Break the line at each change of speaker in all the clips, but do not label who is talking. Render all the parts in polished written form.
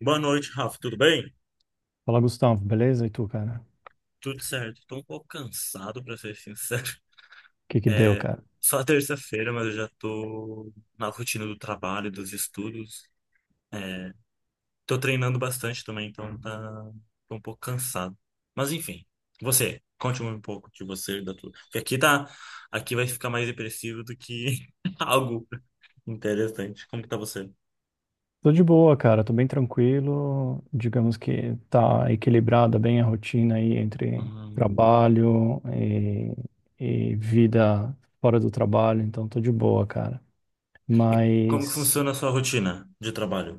Boa noite, Rafa. Tudo bem?
Fala, Gustavo, beleza? E tu, cara? O
Tudo certo. Tô um pouco cansado, pra ser sincero.
que que deu,
É
cara?
só terça-feira, mas eu já tô na rotina do trabalho, dos estudos. Tô treinando bastante também, então tô um pouco cansado. Mas enfim, você, conte um pouco de você, da tua. Porque aqui vai ficar mais depressivo do que algo interessante. Como que tá você?
Tô de boa, cara. Tô bem tranquilo. Digamos que tá equilibrada bem a rotina aí entre
Hum.
trabalho e vida fora do trabalho, então tô de boa, cara.
E como que
Mas,
funciona a sua rotina de trabalho?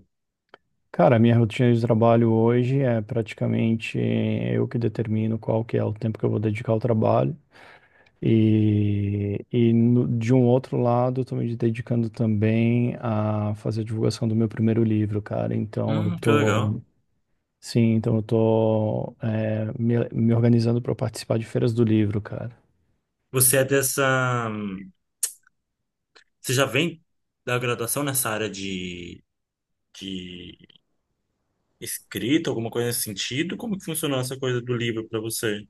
cara, minha rotina de trabalho hoje é praticamente eu que determino qual que é o tempo que eu vou dedicar ao trabalho. De um outro lado, estou me dedicando também a fazer a divulgação do meu primeiro livro, cara. Então, eu
Que
tô.
legal.
Sim, então eu tô, me organizando para participar de feiras do livro, cara.
Você é dessa Você já vem da graduação nessa área de escrita, alguma coisa nesse sentido? Como que funcionou essa coisa do livro para você?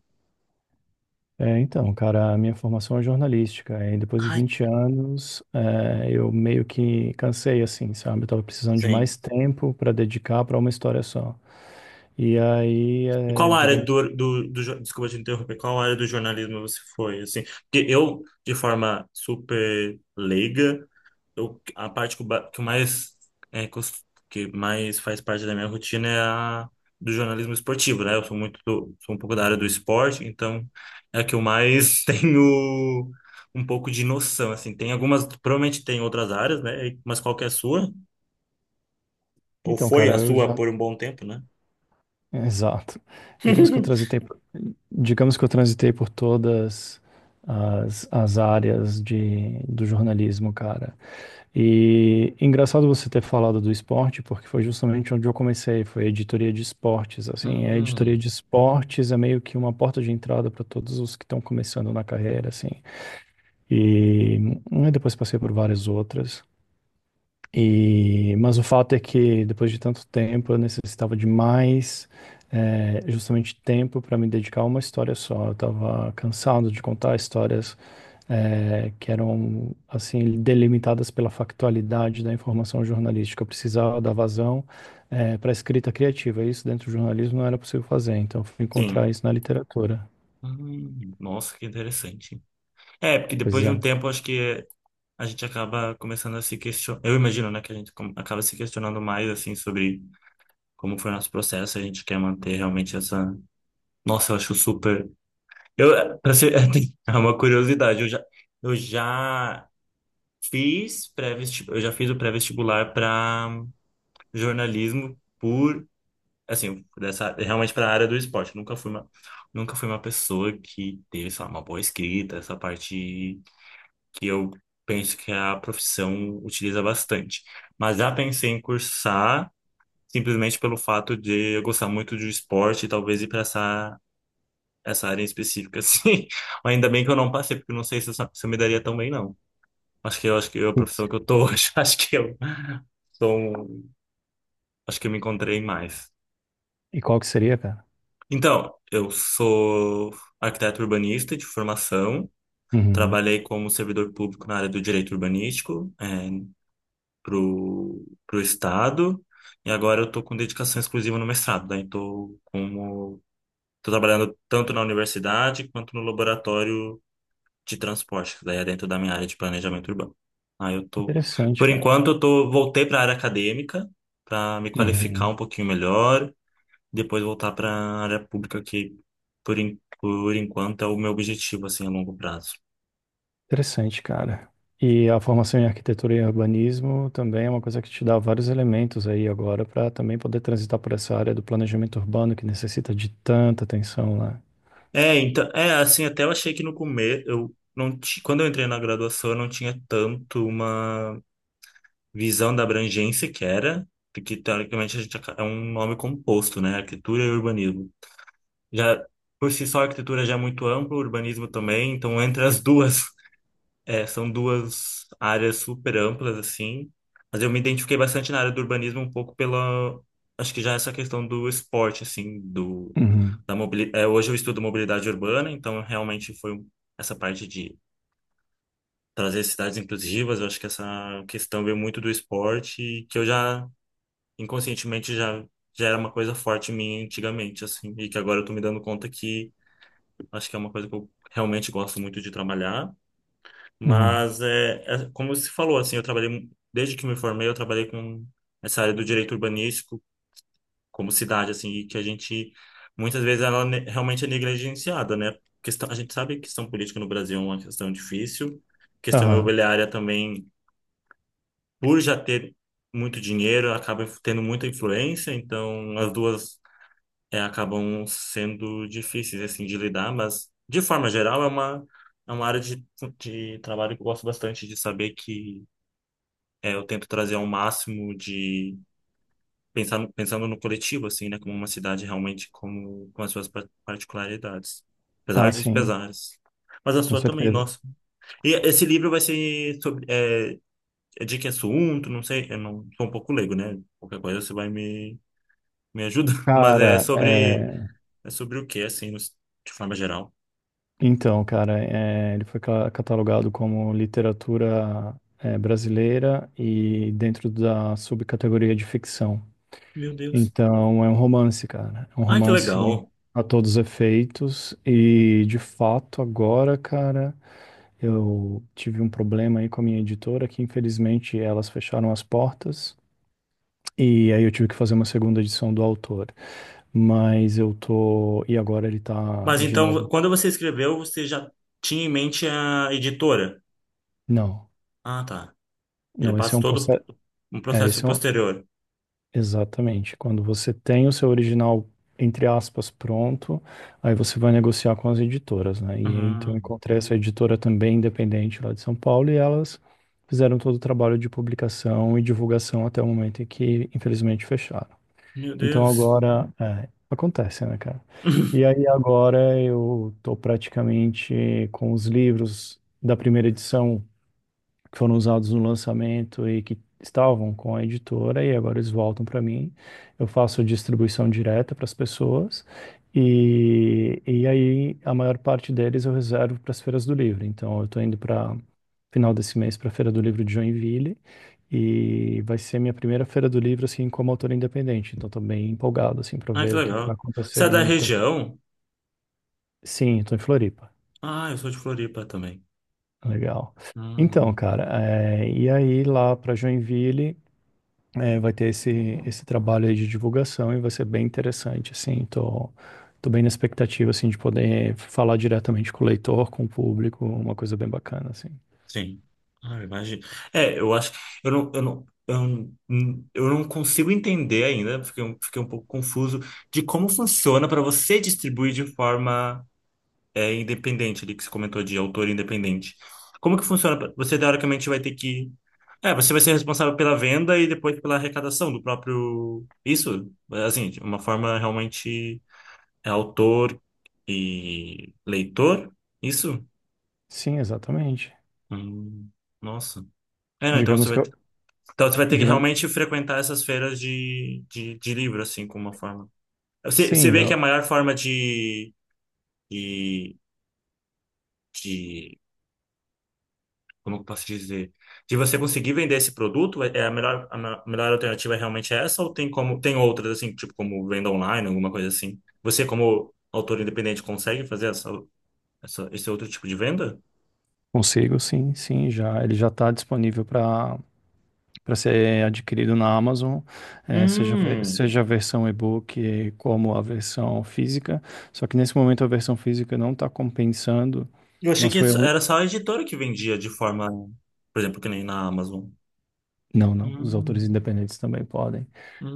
É, então, cara, a minha formação é jornalística e depois de
Ai,
20 anos, eu meio que cansei, assim, sabe? Eu tava precisando de
sim.
mais tempo para dedicar para uma história só. E aí,
E qual área
digamos.
do desculpa te interromper, qual área do jornalismo você foi, assim? Porque eu, de forma super leiga, a parte que eu mais é, cos- que mais faz parte da minha rotina é a do jornalismo esportivo, né? Eu sou muito sou um pouco da área do esporte, então é a que eu mais tenho um pouco de noção, assim. Tem algumas, provavelmente tem outras áreas, né? Mas qual que é a sua? Ou
Então,
foi
cara,
a
eu
sua
já.
por um bom tempo, né?
Exato. Digamos que eu transitei, por- digamos que eu transitei por todas as áreas do jornalismo, cara. E engraçado você ter falado do esporte, porque foi justamente onde eu comecei, foi a editoria de esportes, assim, a editoria
Hum,
de esportes é meio que uma porta de entrada para todos os que estão começando na carreira, assim. E, depois passei por várias outras. E, mas o fato é que depois de tanto tempo eu necessitava de mais, justamente tempo para me dedicar a uma história só. Eu estava cansado de contar histórias, que eram assim delimitadas pela factualidade da informação jornalística. Eu precisava dar vazão para a escrita criativa. Isso dentro do jornalismo não era possível fazer, então eu fui encontrar
sim.
isso na literatura.
Nossa, que interessante. É, porque depois
Pois
de um
é.
tempo, acho que é, a gente acaba começando a se questionar. Eu imagino, né, que a gente acaba se questionando mais, assim, sobre como foi o nosso processo. A gente quer manter realmente essa. Nossa, eu acho super. Pra ser... é uma curiosidade. Eu já fiz pré-vestibular. Eu já fiz o pré-vestibular para jornalismo por. Assim, dessa, realmente para a área do esporte. Nunca fui uma pessoa que teve, sei lá, uma boa escrita, essa parte. Que eu penso que a profissão utiliza bastante. Mas já pensei em cursar simplesmente pelo fato de eu gostar muito de um esporte e talvez ir para essa área em específica, assim. Ainda bem que eu não passei, porque eu não sei se se eu me daria tão bem, não. Acho que eu, acho que eu, a profissão que eu tô hoje, sou um- acho que eu me encontrei mais.
E qual que seria, cara?
Então, eu sou arquiteto urbanista de formação.
Uhum.
Trabalhei como servidor público na área do direito urbanístico, é, pro, pro estado e agora eu tô com dedicação exclusiva no mestrado. Daí tô trabalhando tanto na universidade quanto no laboratório de transporte, que daí é dentro da minha área de planejamento urbano. Aí eu tô,
Interessante,
por
cara.
enquanto eu tô voltei para a área acadêmica para me
Uhum.
qualificar um pouquinho melhor, depois voltar para a área pública que por enquanto é o meu objetivo assim a longo prazo.
Interessante, cara. E a formação em arquitetura e urbanismo também é uma coisa que te dá vários elementos aí agora para também poder transitar por essa área do planejamento urbano que necessita de tanta atenção lá.
É, então, é assim, até eu achei que no começo, eu não ti- quando eu entrei na graduação, eu não tinha tanto uma visão da abrangência que era, porque teoricamente é um nome composto, né? Arquitetura e urbanismo. Já por si só, a arquitetura já é muito ampla, o urbanismo também, então entre as duas é, são duas áreas super amplas, assim, mas eu me identifiquei bastante na área do urbanismo um pouco acho que já essa questão do esporte, assim,
Uhum,
da mobilidade, hoje eu estudo mobilidade urbana, então realmente essa parte de trazer cidades inclusivas, eu acho que essa questão veio muito do esporte, e que inconscientemente, já era uma coisa forte em mim antigamente, assim, e que agora eu tô me dando conta que acho que é uma coisa que eu realmente gosto muito de trabalhar,
uhum.
mas é, é como você falou, assim, desde que me formei, eu trabalhei com essa área do direito urbanístico como cidade, assim, e que a gente muitas vezes realmente é negligenciada, né? Questão, a gente sabe que questão política no Brasil é uma questão difícil, questão
Aham.
imobiliária também, por já ter muito dinheiro, acaba tendo muita influência, então as duas é, acabam sendo difíceis assim de lidar, mas de forma geral é uma área de trabalho que eu gosto bastante de saber que é, eu tento trazer ao máximo de pensar no- pensando no coletivo assim, né, como uma cidade realmente como com as suas particularidades,
Ah,
apesar dos
sim,
pesares. Mas a
com
sua também,
certeza.
nossa. E esse livro vai ser sobre é, é de que assunto? Não sei, eu não sou um pouco leigo, né? Qualquer coisa você vai me ajuda, mas
Cara,
é sobre o que assim, de forma geral.
então, cara, ele foi catalogado como literatura, brasileira, e dentro da subcategoria de ficção.
Meu Deus.
Então, é um romance, cara. É um
Ai, que
romance
legal.
a todos os efeitos. E, de fato, agora, cara, eu tive um problema aí com a minha editora, que infelizmente elas fecharam as portas. E aí eu tive que fazer uma segunda edição do autor. Mas eu tô. E agora ele tá
Mas
de
então,
novo.
quando você escreveu, você já tinha em mente a editora?
Não,
Ah, tá. Ele
não, esse
passa
é um
todo
processo.
Um
É,
processo
esse é um.
posterior.
Exatamente. Quando você tem o seu original, entre aspas, pronto, aí você vai negociar com as editoras, né? E aí, então eu
Ah,
encontrei essa editora também independente lá de São Paulo e elas fizeram todo o trabalho de publicação e divulgação até o momento em que, infelizmente, fecharam.
meu
Então
Deus.
agora, acontece, né, cara? E aí agora eu tô praticamente com os livros da primeira edição que foram usados no lançamento e que estavam com a editora e agora eles voltam para mim. Eu faço distribuição direta para as pessoas e aí a maior parte deles eu reservo para as feiras do livro. Então eu estou indo para final desse mês para a Feira do Livro de Joinville e vai ser minha primeira Feira do Livro assim como autor independente. Então estou bem empolgado assim para
Ah, que
ver o que que vai
legal.
acontecer.
Você é da
Então,
região?
sim, estou em Floripa.
Ah, eu sou de Floripa também.
Legal. Então,
Uhum.
cara, e aí lá para Joinville, vai ter esse trabalho aí de divulgação e vai ser bem interessante, assim, tô bem na expectativa, assim, de poder falar diretamente com o leitor, com o público, uma coisa bem bacana, assim.
Sim. Ah, imagina. É, eu acho que eu não, eu não, eu não, eu não consigo entender ainda, fiquei um pouco confuso de como funciona para você distribuir de forma é independente ali que você comentou de autor independente. Como que funciona? Você teoricamente vai ter que. É, você vai ser responsável pela venda e depois pela arrecadação do próprio. Isso, assim, de uma forma realmente é autor e leitor? Isso?
Sim, exatamente.
Hum, nossa. É, não,
Digamos que eu,
então você vai ter que
Digamos,
realmente frequentar essas feiras de livro, assim, como uma forma. Você
sim,
vê que a
eu
maior forma de, de como eu posso dizer, de você conseguir vender esse produto, é é a melhor, a me- melhor alternativa é realmente é essa, ou tem como, tem outras assim, tipo como venda online, alguma coisa assim? Você, como autor independente, consegue fazer esse outro tipo de venda?
consigo, sim, sim, já, ele já está disponível para ser adquirido na Amazon,
Hum,
seja a versão e-book como a versão física, só que nesse momento a versão física não está compensando,
eu achei
mas
que
foi.
era só a editora que vendia de forma, por exemplo, que nem na Amazon.
Não, não. Os autores
Hum,
independentes também podem.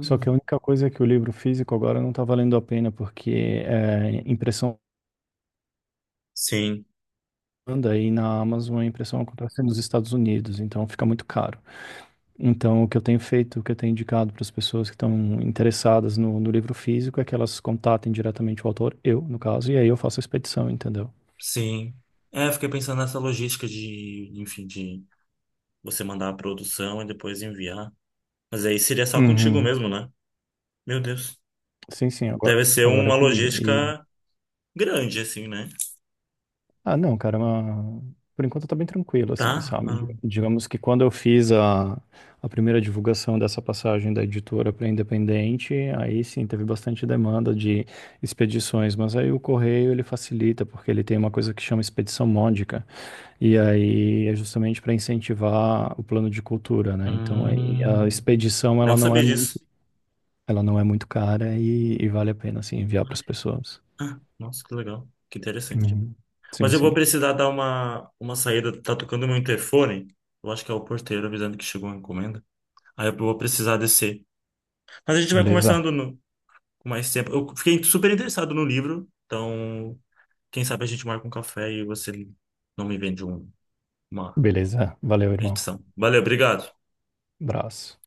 Só que a única coisa é que o livro físico agora não está valendo a pena, porque impressão
Sim,
anda e na Amazon a impressão acontece nos Estados Unidos, então fica muito caro. Então, o que eu tenho feito, o que eu tenho indicado para as pessoas que estão interessadas no livro físico é que elas contatem diretamente o autor, eu, no caso, e aí eu faço a expedição, entendeu?
sim. É, eu fiquei pensando nessa logística de, enfim, de você mandar a produção e depois enviar. Mas aí seria só contigo
Uhum.
mesmo, né? Meu Deus.
Sim, sim, agora,
Deve ser
agora é
uma
comigo.
logística grande, assim, né?
Ah, não, cara, mas por enquanto tá bem tranquilo, assim,
Tá?
sabe?
Ah,
Digamos que quando eu fiz a primeira divulgação dessa passagem da editora para independente, aí sim teve bastante demanda de expedições, mas aí o correio ele facilita, porque ele tem uma coisa que chama expedição módica, e aí é justamente para incentivar o plano de cultura, né? Então aí a
hum,
expedição
não sabia disso.
ela não é muito cara e vale a pena, assim, enviar para
Ai,
as pessoas.
ah, nossa, que legal. Que interessante.
Uhum. Sim,
Mas eu vou
sim.
precisar dar uma saída. Tá tocando meu interfone. Eu acho que é o porteiro avisando que chegou uma encomenda. Aí eu vou precisar descer. Mas a gente vai
Beleza.
conversando com mais tempo. Eu fiquei super interessado no livro. Então, quem sabe a gente marca um café e você não me vende um- uma
Beleza, valeu, irmão.
edição. Valeu, obrigado.
Abraço.